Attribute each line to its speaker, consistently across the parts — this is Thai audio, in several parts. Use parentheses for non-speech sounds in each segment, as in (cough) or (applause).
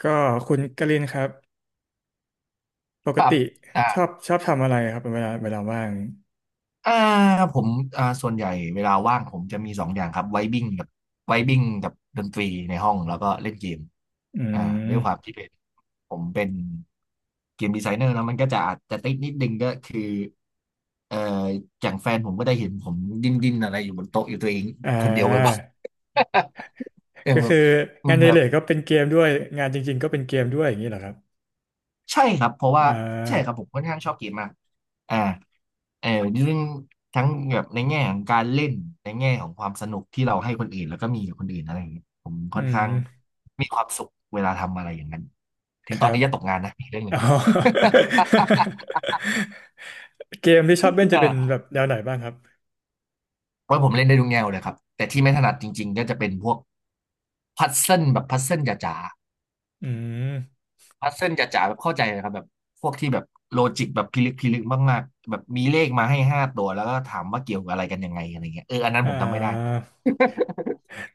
Speaker 1: ก็คุณกลินครับป
Speaker 2: ค
Speaker 1: ก
Speaker 2: รับ
Speaker 1: ติ
Speaker 2: อ่า
Speaker 1: ชอบทำอะไรครับเวลาว่าง
Speaker 2: อ่าผมส่วนใหญ่เวลาว่างผมจะมีสองอย่างครับไวบิ้งกับไวบิ้งกับดนตรีในห้องแล้วก็เล่นเกม
Speaker 1: อื
Speaker 2: อ่าด้วยความ
Speaker 1: ม
Speaker 2: ที่เป็นผมเป็นเกมดีไซเนอร์แล้วมันก็จะอาจจะติดนิดนึงก็คือเอ่ออย่างแฟนผมก็ได้เห็นผมดิ้นอะไรอยู่บนโต๊ะอยู่ตัวเอง
Speaker 1: อ่
Speaker 2: คนเดียวบ่อย
Speaker 1: า
Speaker 2: ๆ (laughs) อย่า
Speaker 1: ก็
Speaker 2: งแบ
Speaker 1: คื
Speaker 2: บ
Speaker 1: องานใน
Speaker 2: แบ
Speaker 1: เห
Speaker 2: บ
Speaker 1: ล็กก็เป็นเกมด้วยงานจริงๆก็เป็นเกมด้วยอย่างนี้เหรอครับ
Speaker 2: ใช่ครับเพราะว่า
Speaker 1: อ่
Speaker 2: ใช่ครับ
Speaker 1: า
Speaker 2: ผมค่อนข้างชอบเกมมาก อ่าเออเรื่องทั้งแบบในแง่ของการเล่นในแง่ของความสนุกที่เราให้คนอื่นแล้วก็มีกับคนอื่นอะไรอย่างเงี้ยผม
Speaker 1: อื
Speaker 2: ค่อนข้าง
Speaker 1: ม
Speaker 2: มีความสุขเวลาทำอะไรอย่างนั้นถึ
Speaker 1: ค
Speaker 2: งตอ
Speaker 1: รั
Speaker 2: น
Speaker 1: บ
Speaker 2: นี้จะตกงานนะอีกเรื่องหนึ่
Speaker 1: อ๋
Speaker 2: ง
Speaker 1: อ
Speaker 2: (laughs)
Speaker 1: (laughs) เกมที่ชอบเล่นจะเป็นแบ
Speaker 2: เ
Speaker 1: บแนวไหนบ้างครับ
Speaker 2: เพราะผมเล่นได้ทุกแนวเลยครับแต่ที่ไม่ถนัดจริงๆก็จะเป็นพวกพัซเซิลแบบพัซเซิลจ๋า
Speaker 1: อืม
Speaker 2: ๆพัซเซิลจ๋าๆแบบเข้าใจเลยครับแบบพวกที่แบบโลจิกแบบพิลึกพิลึกมากๆแบบมีเลขมาให้ห้าตัวแล้วก็ถามว่าเกี่ยวกับอะไรกันยังไงอะไรเงี้ยเอออันนั้น
Speaker 1: อ่
Speaker 2: ผมทำไม่ได้
Speaker 1: า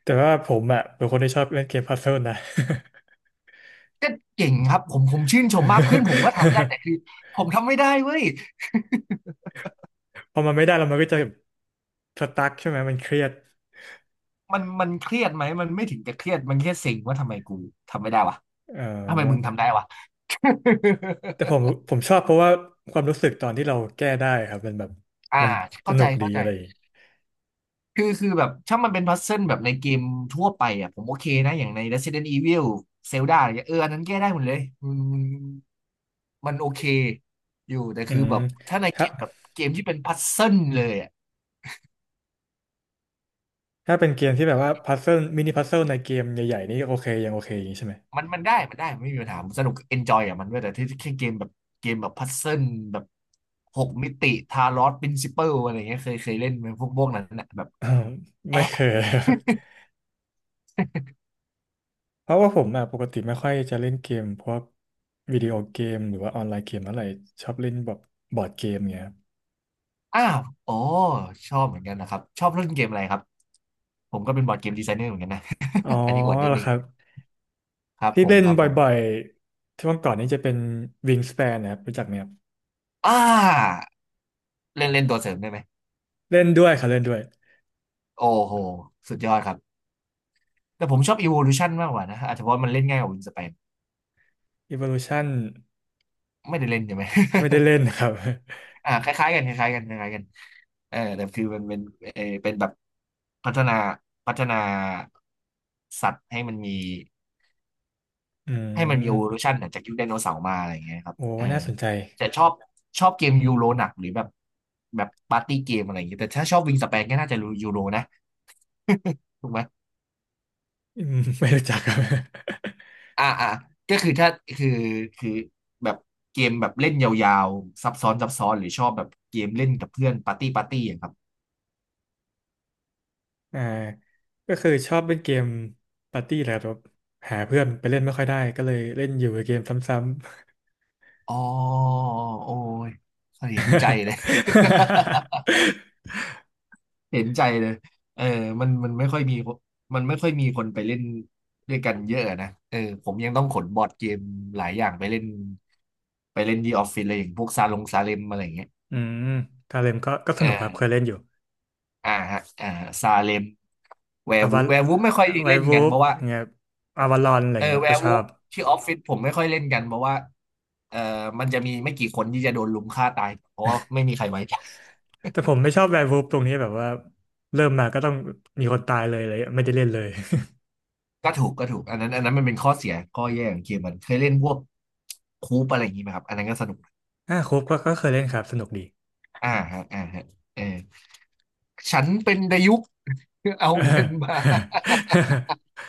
Speaker 1: แต่ว่าผมอ่ะเป็นคนที่ชอบเล่นเกมพัซเซิลนะ
Speaker 2: ก็เก่งครับผมชื่นชมมากเพื่อนผมก็ทำได้แต่คือผมทำไม่ได้เว้ย
Speaker 1: (laughs) พอมันไม่ได้แล้วมันก็จะสตั๊กใช่ไหมมันเครียด
Speaker 2: มันเครียดไหมมันไม่ถึงกับเครียดมันแค่เซ็งว่าทำไมกูทำไม่ได้วะ
Speaker 1: เอ
Speaker 2: ทำไมมึง
Speaker 1: อ
Speaker 2: ทำได้วะ
Speaker 1: แต่ผม
Speaker 2: (laughs)
Speaker 1: ผมชอบเพราะว่าความรู้สึกตอนที่เราแก้ได้ครับมันแบบ
Speaker 2: อ่า
Speaker 1: มันส
Speaker 2: เข้า
Speaker 1: นุ
Speaker 2: ใจ
Speaker 1: กดี
Speaker 2: เข้าใจ
Speaker 1: อะไรอย่างงี้
Speaker 2: คือแบบถ้ามันเป็นพัซเซิลแบบในเกมทั่วไปอ่ะผมโอเคนะอย่างใน Resident Evil Zelda อะไรเงี้ยเอออันนั้นแก้ได้หมดเลยมันโอเคอยู่แต่
Speaker 1: อื
Speaker 2: คือ
Speaker 1: ม
Speaker 2: แบบถ้าในเก
Speaker 1: ถ้า
Speaker 2: มแบบเกมที่เป็นพัซเซิลเลยอะ
Speaker 1: ถ้าเป็นเกมที่แบบว่าพัซเซิลมินิพัซเซิลในเกมใหญ่ๆนี่โอเคยังโอเคอย่างนี้ใช่ไหม
Speaker 2: มันได้ มันไม่มีปัญหาผมสนุกเอนจอยกับมันด้วยแต่ที่แค่เกมแบบพัซเซิลแบบหกมิติทาลอสปรินซิเปิลอะไรเงี้ยเคยเล่นไหมพวกนั้นนะแบบ
Speaker 1: อ้าว (laughs) ไม่
Speaker 2: แอะ
Speaker 1: เคย (laughs) เพราะว่าผมอ่ะปกติไม่ค่อยจะเล่นเกมพวกวิดีโอเกมหรือว่าออนไลน์เกมอะไรชอบเล่นแบบบอร์ดเกมเงี้ยครับ
Speaker 2: อ้าวโอ้ชอบเหมือนกันนะครับชอบเล่นเกมอะไรครับผมก็เป็นบอร์ดเกมดีไซเนอร์เหมือนกันนะ
Speaker 1: อ๋อ
Speaker 2: (laughs) อันนี้อวดนิ
Speaker 1: เห
Speaker 2: ด
Speaker 1: รอ
Speaker 2: นึ
Speaker 1: ค
Speaker 2: ง
Speaker 1: รับ
Speaker 2: ครับ
Speaker 1: ที่
Speaker 2: ผม
Speaker 1: เล่นบ
Speaker 2: ผม
Speaker 1: ่อยๆช่วงก่อนนี้จะเป็น Wingspan นะครับรู้จักไหมครับ
Speaker 2: อ่าเล่นเล่นตัวเสริมได้ไหม
Speaker 1: เล่นด้วยครับเล่นด้วย
Speaker 2: โอ้โหสุดยอดครับแต่ผมชอบ Evolution มากกว่านะอาจจะเพราะมันเล่นง่ายกว่า Wingspan
Speaker 1: Evolution
Speaker 2: ไม่ได้เล่นใช่ไหม
Speaker 1: ไม่ได้เล่
Speaker 2: (laughs)
Speaker 1: นครับ (laughs)
Speaker 2: อ่าคล้ายๆกันคล้ายๆกันคล้ายๆกันเออแต่คือมันเป็นเออเป็นแบบพัฒนาพัฒนาสัตว์ให้มันมี
Speaker 1: อืม
Speaker 2: evolution อะจากยุคไดโนเสาร์มาอะไรอย่างเงี้ยครับ
Speaker 1: โอ้
Speaker 2: เออ
Speaker 1: น่าสนใจ
Speaker 2: แต่ชอบ
Speaker 1: (laughs)
Speaker 2: เกมยูโรหนักหรือแบบปาร์ตี้เกมอะไรอย่างเงี้ยแต่ถ้าชอบวิงสเปนก็น่าจะรู้ยูโรนะ (laughs) ถูกไหม
Speaker 1: อืมไม่รู้จักครับ
Speaker 2: อ่าอ่าก็คือถ้าคือคือแบบเกมแบบเล่นยาวๆซับซ้อนหรือชอบแบบเกมเล่นกับเพื่อนปาร์ตี้อะครับ
Speaker 1: (laughs) อ่าก็คือชอบเล่นเกมปาร์ตี้แหละครับหาเพื่อนไปเล่นไม่ค่อยได้ก็เลยเล่นอยู่กับเกมซ้
Speaker 2: อ๋อโอ้ยเห็นใจเลย (laughs) เห็นใจเลยเออมันไม่ค่อยมีคนไปเล่นด้วยกันเยอะนะเออผมยังต้องขนบอร์ดเกมหลายอย่างไปเล่นที่ออฟฟิศเลยอย่างพวกซาลงซาเลมอะไรอย่างเงี้ย
Speaker 1: ำๆ (laughs) อืมกาเลมก็ส
Speaker 2: อ่
Speaker 1: นุกครับเคยเล่
Speaker 2: า
Speaker 1: นอยู่
Speaker 2: อ่าฮะอ่าซาเลมแวร์
Speaker 1: อา
Speaker 2: วู
Speaker 1: วา
Speaker 2: ฟไม่ค่อย
Speaker 1: ไว
Speaker 2: เล่น
Speaker 1: วู
Speaker 2: กันเพ
Speaker 1: ฟ
Speaker 2: ราะว่า
Speaker 1: เงี้ยอาวาลอนอะไร
Speaker 2: เออ
Speaker 1: เงี้ย
Speaker 2: แว
Speaker 1: ก็
Speaker 2: ร์
Speaker 1: ช
Speaker 2: วู
Speaker 1: อ
Speaker 2: ฟ
Speaker 1: บ
Speaker 2: ที่ออฟฟิศผมไม่ค่อยเล่นกันเพราะว่าเออมันจะมีไม่กี่คนที่จะโดนลุมฆ่าตายเพราะว่าไม่มีใครไว้ใจ
Speaker 1: แต่ผมไม่ชอบไววูฟตรงนี้แบบว่าเริ่มมาก็ต้องมีคนตายเลยเลยไม่ได้เล่นเลย
Speaker 2: ก็ถูกอันนั้นมันเป็นข้อเสียข้อแย่ของเกมมันเคยเล่นพวกคูปอะไรอย่างนี้ไหมครับอันนั้นก็สนุก
Speaker 1: (laughs) อ่าครบก็เคยเล่นครับสนุกดี
Speaker 2: อ่าฮะอ่าฮะเออฉันเป็นดายุก (laughs) เอา
Speaker 1: (laughs) เอ
Speaker 2: เงิ
Speaker 1: อ
Speaker 2: นมา
Speaker 1: (laughs)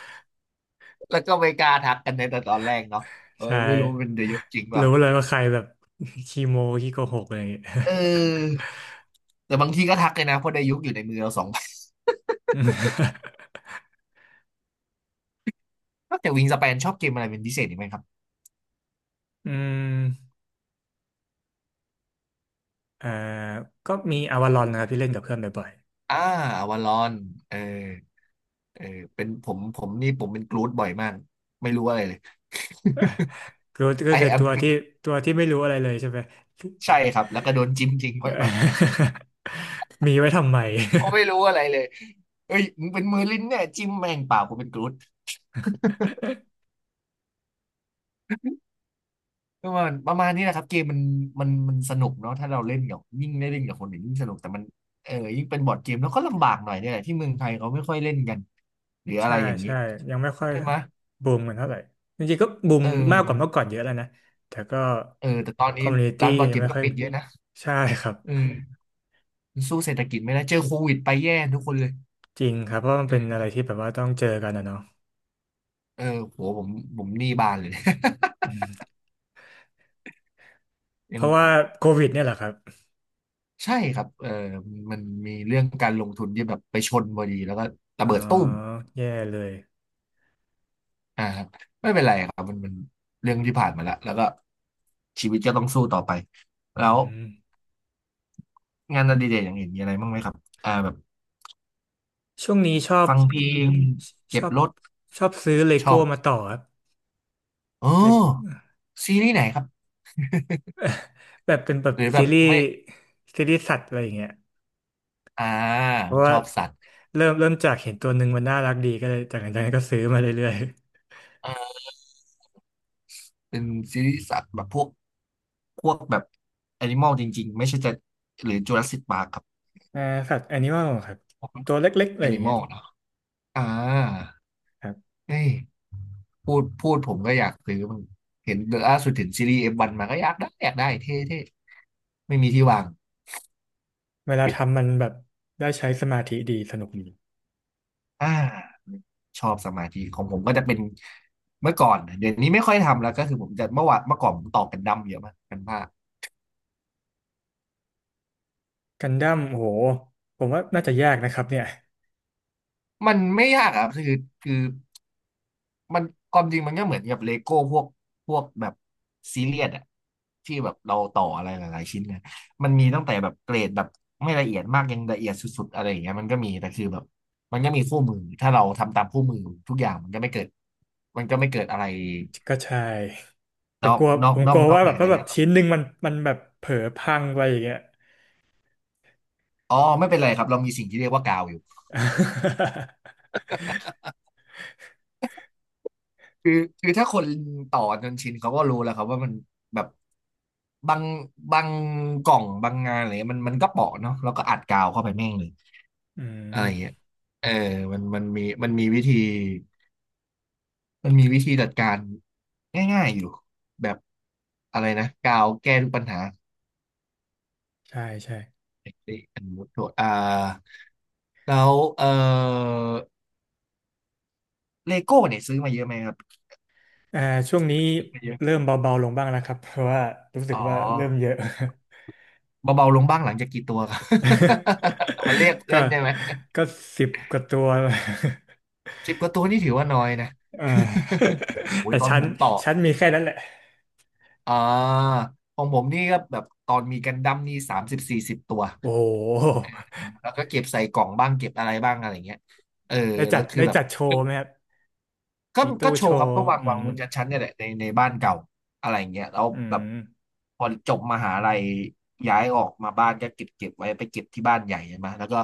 Speaker 2: แล้วก็ไม่กล้าทักกันในแต่ตอนแรกเนาะเออ
Speaker 1: ใช่
Speaker 2: ไม่รู้เป็นดายุกจริงเปล่า
Speaker 1: รู้เลยว่าใครแบบขี้โม้ขี้โกหกอะไรอย่างเงี้ย (laughs)
Speaker 2: เออแต่บางทีก็ทักเลยนะเพราะดายุกอยู่ในมือเราสอง
Speaker 1: อืม
Speaker 2: (laughs) นอกจากวิงสเปนชอบเกมอะไรเป็นพิเศษอีกไหมครับ
Speaker 1: อืมเอ่อก็มีอวาลอนนะครับที่เล่นกับเพื่อนบ่อย
Speaker 2: อ่าวาลอนเออเออเป็นผมผมนี่ผมเป็นกรูดบ่อยมากไม่รู้อะไรเลย
Speaker 1: ๆก็
Speaker 2: I
Speaker 1: คือ
Speaker 2: a
Speaker 1: ตัว
Speaker 2: ม
Speaker 1: ที่ตัวที่ไม่รู้อะไรเลยใช่ไหม
Speaker 2: ใช่ครับแล้วก็โดนจิ้มจริงบ่อยมาก
Speaker 1: (laughs) มีไว้ทำไม
Speaker 2: เขาไม่รู้
Speaker 1: (laughs)
Speaker 2: อะไรเลยเฮ้ยมึงเป็นมือลิ้นเนี่ยจิ้มแม่งเปล่ากูเป็นกรูดประมาณนี้แหละครับเกมมันสนุกเนาะถ้าเราเล่นกับยิ่งได้เล่นกับคนอื่นยิ่งสนุกแต่มันเออยิ่งเป็นบอร์ดเกมแล้วก็ลำบากหน่อยเนี่ยแหละที่เมืองไทยเขาไม่ค่อยเล่นกันหรืออะ
Speaker 1: ใช่
Speaker 2: ไรอย่างนี้
Speaker 1: ใช่ยังไม่ค่อย
Speaker 2: ใช่ไหม
Speaker 1: บูมกันเท่าไหร่จริงๆก็บูม
Speaker 2: เออ
Speaker 1: มากกว่าเมื่อก่อนเยอะแล้วนะแต่ก็
Speaker 2: เออแต่ตอน
Speaker 1: คอ
Speaker 2: นี้
Speaker 1: มมูนิตี้
Speaker 2: ร้านบอร์ด
Speaker 1: ยั
Speaker 2: เก
Speaker 1: ง
Speaker 2: ม
Speaker 1: ไม่
Speaker 2: ก็
Speaker 1: ค่อย
Speaker 2: ปิดเยอะนะ
Speaker 1: ใช่ครับ
Speaker 2: อืมมันสู้เศรษฐกิจไม่ได้เจอโควิดไปแย่ทุกคนเลย
Speaker 1: จริงครับเพราะมันเป็นอะ
Speaker 2: เออ
Speaker 1: ไรที่แบบว่าต้องเจอกันนะเนาะ
Speaker 2: เออโหผมผมหนี้บานเลย (laughs)
Speaker 1: เพ
Speaker 2: ยัง
Speaker 1: ราะว่าโควิดเนี่ยแหละครับ
Speaker 2: ใช่ครับเออมีเรื่องการลงทุนที่แบบไปชนพอดีแล้วก็ระ
Speaker 1: อ๋อ
Speaker 2: เบิดตุ้ม
Speaker 1: แย่เลย
Speaker 2: อ่าครับไม่เป็นไรครับมันเรื่องที่ผ่านมาแล้วก็ชีวิตก็ต้องสู้ต่อไป
Speaker 1: อื
Speaker 2: แล้ว
Speaker 1: ม
Speaker 2: งานอดิเรกอย่างอื่นมีอะไรบ้างไหมครับแบบ
Speaker 1: ช่วงนี้ชอบ
Speaker 2: ฟังเพลง
Speaker 1: ชช
Speaker 2: เก็
Speaker 1: อ
Speaker 2: บ
Speaker 1: บ
Speaker 2: รถ
Speaker 1: ชอบซื้อเล
Speaker 2: ชอ
Speaker 1: โก้
Speaker 2: บ
Speaker 1: มาต่อครับ
Speaker 2: เอ
Speaker 1: Le-
Speaker 2: อซีรีส์ไหนครับ
Speaker 1: แบบเป็นแบบ
Speaker 2: หรือแบ
Speaker 1: ซี
Speaker 2: บ
Speaker 1: รีส์
Speaker 2: ไม่
Speaker 1: ซีรีส์สัตว์อะไรอย่างเงี้ย
Speaker 2: อ่า
Speaker 1: เพราะ
Speaker 2: ช
Speaker 1: ว่า
Speaker 2: อบสัตว์
Speaker 1: เริ่มจากเห็นตัวหนึ่งมันน่ารักดีก็เลยจากนั้นก็ซื้อมาเรื่อย
Speaker 2: เออเป็นซีรีส์สัตว์แบบพวกพวกแบบแอนิมอลจริงๆไม่ใช่จะหรือจูราสสิคปาร์คครับ
Speaker 1: ๆ (laughs) อ่าสัตว์แอนิมอลครับ
Speaker 2: พวก
Speaker 1: ตัวเล็กๆอะ
Speaker 2: แอ
Speaker 1: ไรอย่า
Speaker 2: นิ
Speaker 1: ง
Speaker 2: ม
Speaker 1: เงี้
Speaker 2: อ
Speaker 1: ย
Speaker 2: ลเนาะอ่า
Speaker 1: ครับ
Speaker 2: เฮ้ยพูดผมก็อยากซื้อมันเห็นล่าสุดเห็นซีรีส์เอฟวันมาก็อยากได้เท่ๆ ไม่มีที่วาง
Speaker 1: เวลาทำมันแบบได้ใช้สมาธิดีสนุกดี
Speaker 2: อ่าชอบสมาธิของผมก็จะเป็นเมื่อก่อนเดี๋ยวนี้ไม่ค่อยทำแล้วก็คือผมจะเมื่อก่อนผมตอกกันดั้มเยอะมากกันผ้า
Speaker 1: กันดั้มโหผมว่าน่าจะยากนะครับเนี่ย
Speaker 2: มันไม่ยากอะครับคือมันความจริงมันก็เหมือนกับเลโก้พวกพวกแบบซีเรียสอะที่แบบเราต่ออะไรหลายๆชิ้นนะมันมีตั้งแต่แบบเกรดแบบไม่ละเอียดมากยังละเอียดสุดๆอะไรอย่างเงี้ยมันก็มีแต่คือแบบมันก็มีคู่มือถ้าเราทำตามคู่มือทุกอย่างมันก็ไม่เกิดมันก็ไม่เกิดอะไร
Speaker 1: ก็ใช่แต่
Speaker 2: นอ
Speaker 1: ก
Speaker 2: ก
Speaker 1: ลัว
Speaker 2: นอ
Speaker 1: ผ
Speaker 2: ก
Speaker 1: ม
Speaker 2: น
Speaker 1: ก
Speaker 2: อ
Speaker 1: ลั
Speaker 2: ก
Speaker 1: ว
Speaker 2: นอก
Speaker 1: ว่า
Speaker 2: เห
Speaker 1: แบ
Speaker 2: นื
Speaker 1: บ
Speaker 2: อ
Speaker 1: ถ้า
Speaker 2: จาก
Speaker 1: แบบ
Speaker 2: งาน
Speaker 1: ชิ้นหนึ่งมันแบบเผลอพังไปอย่างเงี้ย
Speaker 2: อ๋อไม่เป็นไรครับเรามีสิ่งที่เรียกว่ากาวอยู่
Speaker 1: (laughs)
Speaker 2: คือคือถ้าคนต่อจนชินเขาก็รู้แล้วครับว่ามันแบบบางบางกล่องบางงานอะไรเงี้ยมันก็เปาะเนาะแล้วก็อัดกาวเข้าไปแม่งเลย
Speaker 1: อื
Speaker 2: อะไรเงี้ย
Speaker 1: ม
Speaker 2: เออมันมีวิธีจัดการง่ายๆอยู่แบบอะไรนะกาวแก้ทุกปัญหา
Speaker 1: ใช่ใช่
Speaker 2: เอ้ยอันนี้โทษแล้วเออเลโก้เนี่ยซื้อมาเยอะไหมครับ
Speaker 1: อ่าช่วงนี้
Speaker 2: ซื้อมาเยอะ
Speaker 1: เริ่มเบาๆลงบ้างแล้วครับเพราะว่ารู้สึ
Speaker 2: อ๋
Speaker 1: ก
Speaker 2: อ
Speaker 1: ว่าเริ่มเยอะ
Speaker 2: เบาๆลงบ้างหลังจากกี่ตัวครับ (laughs) มาเรียก
Speaker 1: (laughs)
Speaker 2: เพื่
Speaker 1: ก็
Speaker 2: อนใช่ไหม
Speaker 1: ก็สิบกว่าตัว (laughs)
Speaker 2: สิบกว่าตัวนี่ถือว่าน้อยนะ
Speaker 1: เออ
Speaker 2: (laughs)
Speaker 1: (laughs)
Speaker 2: โอ้ย
Speaker 1: แต่
Speaker 2: ตอน
Speaker 1: ชั้
Speaker 2: ผ
Speaker 1: น
Speaker 2: มต่อ
Speaker 1: ชั้นมีแค่นั้นแหละ
Speaker 2: อ่าของผมนี่ก็แบบตอนมีกันดั้มนี่สามสิบสี่สิบตัว
Speaker 1: โอ้โห
Speaker 2: แล้วก็เก็บใส่กล่องบ้างเก็บอะไรบ้างอะไรเงี้ยเออ
Speaker 1: ได้
Speaker 2: แล้
Speaker 1: จั
Speaker 2: ว
Speaker 1: ด
Speaker 2: คือ
Speaker 1: ได้
Speaker 2: แบบ
Speaker 1: จัดโชว์ไหมครับ
Speaker 2: ก็
Speaker 1: มีตู้
Speaker 2: ก็โช
Speaker 1: โช
Speaker 2: ว์ครับ
Speaker 1: ว์
Speaker 2: ก็วาง
Speaker 1: อื
Speaker 2: วาง
Speaker 1: ม
Speaker 2: บนชั้นๆเนี่ยแหละในบ้านเก่าอะไรเงี้ยแล้ว
Speaker 1: อื
Speaker 2: แบบ
Speaker 1: ม
Speaker 2: พอจบมหาลัยย้ายออกมาบ้านก็เก็บไว้ไปเก็บที่บ้านใหญ่ใช่ไหมแล้วก็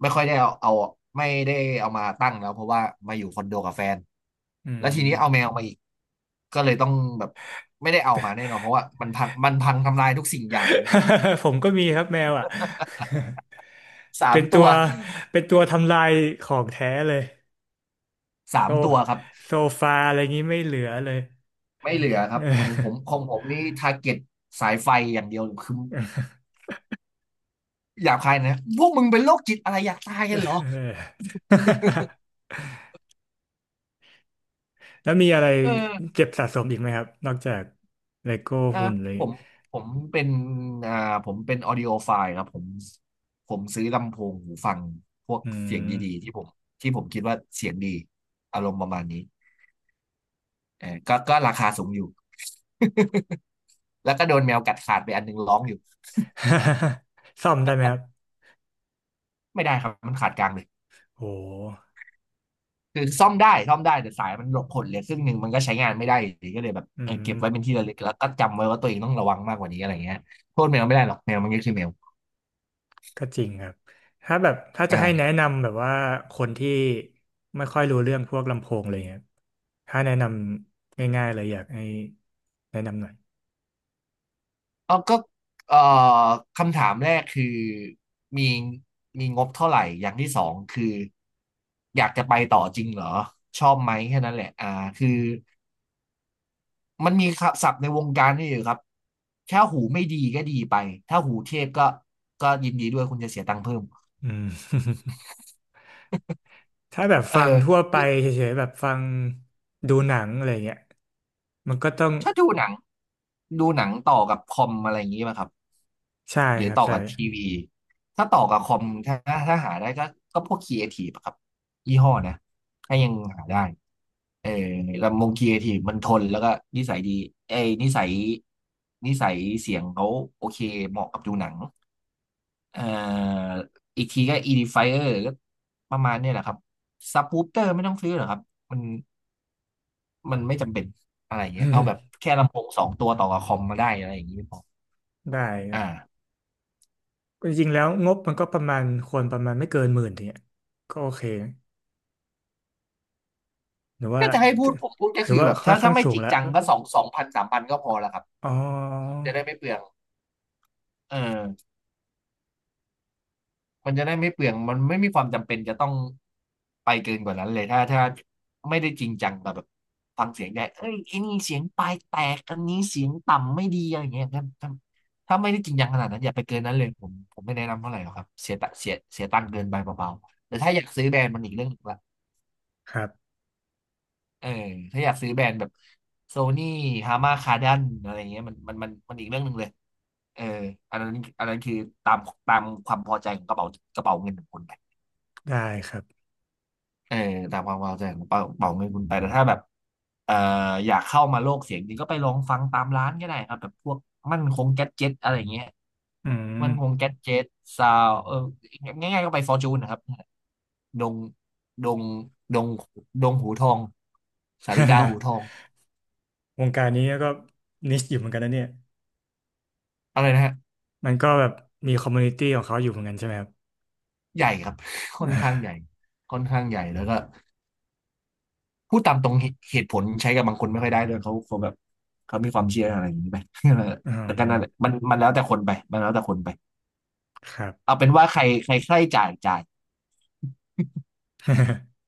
Speaker 2: ไม่ค่อยได้เอาไม่ได้เอามาตั้งแล้วเพราะว่ามาอยู่คอนโดกับแฟน
Speaker 1: อื
Speaker 2: แล้วทีนี้เอาแม
Speaker 1: ม
Speaker 2: วมาอีกก็เลยต้องแบบไม่ได้เอามาแน่นอนเพราะว่ามันพังทำลายทุกสิ่งอย่างของผม
Speaker 1: (laughs) ผมก็มีครับแมวอ่ะ (laughs)
Speaker 2: สา
Speaker 1: เป็
Speaker 2: ม
Speaker 1: นตั
Speaker 2: ตั
Speaker 1: ว
Speaker 2: ว
Speaker 1: เป็นตัวทำลายของแท้เลย
Speaker 2: สา
Speaker 1: โต
Speaker 2: มตัวครับ
Speaker 1: โซฟาอะไรงี้ไม่เหลือเลย
Speaker 2: ไม่เหลือค
Speaker 1: (laughs)
Speaker 2: รับ
Speaker 1: เออ
Speaker 2: ของผมนี่ทาร์เก็ตสายไฟอย่างเดียวคือ หยาบคายนะ พวกมึงเป็นโรคจิตอะไรอยากตาย
Speaker 1: เอ
Speaker 2: กันเหรอ
Speaker 1: อ (laughs) แล้วมีอะไร
Speaker 2: เออ
Speaker 1: เจ็บสะสมอีกไหมครับนอกจากเลโก้
Speaker 2: อ่า
Speaker 1: หุ่นเลย
Speaker 2: ผมผมเป็นอ่าผมเป็นออดิโอไฟล์ครับผมผมซื้อลำโพงหูฟังพวก
Speaker 1: อื
Speaker 2: เสียง
Speaker 1: ม
Speaker 2: ดีๆ ที่ผมคิดว่าเสียงดีอารมณ์ประมาณนี้เออก็ราคาสูงอยู่ (laughs) แล้วก็โดนแมวกัดขาดไปอันหนึงร้องอยู่
Speaker 1: (laughs) ซ่อมได้ไหมครับ
Speaker 2: ไม่ได้ครับมันขาดกลางเลย
Speaker 1: โห
Speaker 2: คือซ่อมได้ แต่สายมันหลบผลเหลยครึ่งหนึ่งมันก็ใช้งานไม่ได้อยู่ดีก็เลยแบบ
Speaker 1: อื
Speaker 2: เออเก็
Speaker 1: ม
Speaker 2: บไว้เป็นที่ระลึกแล้วก็จำไว้ว่าตัวเองต้องระวังมากกว่านี้อะไรเงี้ยโทษแมวไม่ได้หรอกแมวมันก็คือแมว
Speaker 1: ก็จริงครับถ้าจะให้แนะ
Speaker 2: อ่า
Speaker 1: นำแบบว่าคนที่ไม่ค่อยรู้เรื่องพวกลำโพงอะไรเงี้ยถ้าแนะนำง่ายๆเลยอยากให้แนะนำหน่อย
Speaker 2: อ๋อก็เอ่อคำถามแรกคือมีมีงบเท่าไหร่อย่างที่สองคืออยากจะไปต่อจริงเหรอชอบไหมแค่นั้นแหละอ่าคือมันมีศัพท์ในวงการนี่อยู่ครับถ้าหูไม่ดีก็ดีไปถ้าหูเทพก็ยินดีด้วยคุณจะเสียตังค์เพิ่ม
Speaker 1: อืม (laughs) ถ้าแบบฟังทั่ว
Speaker 2: เออ
Speaker 1: ไปเฉยๆแบบฟังดูหนังอะไรเงี้ยมันก็ต้อง
Speaker 2: ถ้าดูหนังต่อกับคอมอะไรอย่างนี้ไหมครับ
Speaker 1: ใช่
Speaker 2: หรือ
Speaker 1: ครับ
Speaker 2: ต่อ
Speaker 1: ใช่
Speaker 2: กับทีวีถ้าต่อกับคอมถ้าหาได้ก็พวกครีเอทีฟครับยี่ห้อนะถ้ายังหาได้ เออลำวงครีเอทีฟมันทนแล้วก็นิสัยดีเอ้ยนิสัยเสียงเขาโอเคเหมาะกับดูหนังเอ่ออีกทีก็ Edifier ก็ประมาณเนี่ยแหละครับซับ w ู o เตอร์ไม่ต้องซื้อหรอกครับมันมันไม่จำเป็นอะไรเงี้ยเอาแบบ
Speaker 1: (laughs)
Speaker 2: แค่ลำโพงสองตัวต่อกับคอมมาได้อะไรอย่างงี้พอ
Speaker 1: ได้ครับ
Speaker 2: อ่า
Speaker 1: จริงๆแล้วงบมันก็ประมาณควรประมาณไม่เกินหมื่นเนี่ยก็โอเคหรือว่า
Speaker 2: ก็จะให้พู
Speaker 1: ถื
Speaker 2: ด
Speaker 1: อ
Speaker 2: ผมพูดก็
Speaker 1: ถือ
Speaker 2: คือ
Speaker 1: ว่า
Speaker 2: แบบ
Speaker 1: ค่อ
Speaker 2: ถ้า
Speaker 1: นข้า
Speaker 2: ถ้า
Speaker 1: ง
Speaker 2: ไม่
Speaker 1: สู
Speaker 2: จ
Speaker 1: ง
Speaker 2: ริง
Speaker 1: ละ
Speaker 2: จังก็สองพันสามพันก็พอแล้วครับ
Speaker 1: อ๋อ
Speaker 2: จะได้ไม่เปลืองเออ มันจะได้ไม่เปลืองมันไม่มีความจำเป็นจะต้องไปเกินกว่านั้นเลยถ้าไม่ได้จริงจังกับแบบฟังเสียงได้เอ้ยไอ้นี่เสียงปลายแตกอันนี้เสียงต่ำไม่ดีอะไรอย่างเงี้ยถ้าไม่ได้จริงจังขนาดนั้นอย่าไปเกินนั้นเลยผมไม่แนะนำเท่าไหร่หรอกครับเสียตังค์เกินไปเบาๆแต่ถ้าอยากซื้อแบรนด์มันอีกเรื่องหนึ่งละ
Speaker 1: ครับ
Speaker 2: เออถ้าอยากซื้อแบรนด์แบบโซนี่ฮามาคาดันอะไรเงี้ยมันอีกเรื่องหนึ่งเลยเอออันนั้นอันนั้นคือตามตามความพอใจของกระเป๋ากระเป๋าเงินของคุณไป
Speaker 1: ได้ครับ
Speaker 2: เออตามความพอใจของเป่าเงินคุณไปแต่ถ้าแบบเอ่ออยากเข้ามาโลกเสียงจริงก็ไปลองฟังตามร้านก็ได้ครับแบบพวกมั่นคงแก๊สเจ็ตอะไรเงี้ย
Speaker 1: อืม
Speaker 2: มั่นคงแก๊สเจ็ตซาวเออง่ายๆก็ไปฟอร์จูนนะครับดงดงดงดงหูทองสาริกาหูทอง
Speaker 1: (laughs) วงการนี้ก็นิชอยู่เหมือนกันนะเนี่ย
Speaker 2: อะไรนะฮะ
Speaker 1: มันก็แบบมีคอมมูนิตี้ของเขาอยู่เหมือนกันใช่ไหมครับ
Speaker 2: ใหญ่ครับ (laughs) ค่อนข้า
Speaker 1: (laughs)
Speaker 2: งใหญ่ค่อนข้างใหญ่แล้วก็พูดตามตรงเหตุผลใช้กับบางคนไม่ค่อยได้ด้วยเขาแบบเขามีความเชื่ออะไรอย่างนี้ไป (laughs)
Speaker 1: อื
Speaker 2: แล้
Speaker 1: ม
Speaker 2: วก็นั่นแหละมันแล้วแต่คนไปมันแล้วแต่คนไป
Speaker 1: ครับ
Speaker 2: เอาเป็นว่าใครใครใครจ่าย
Speaker 1: (laughs)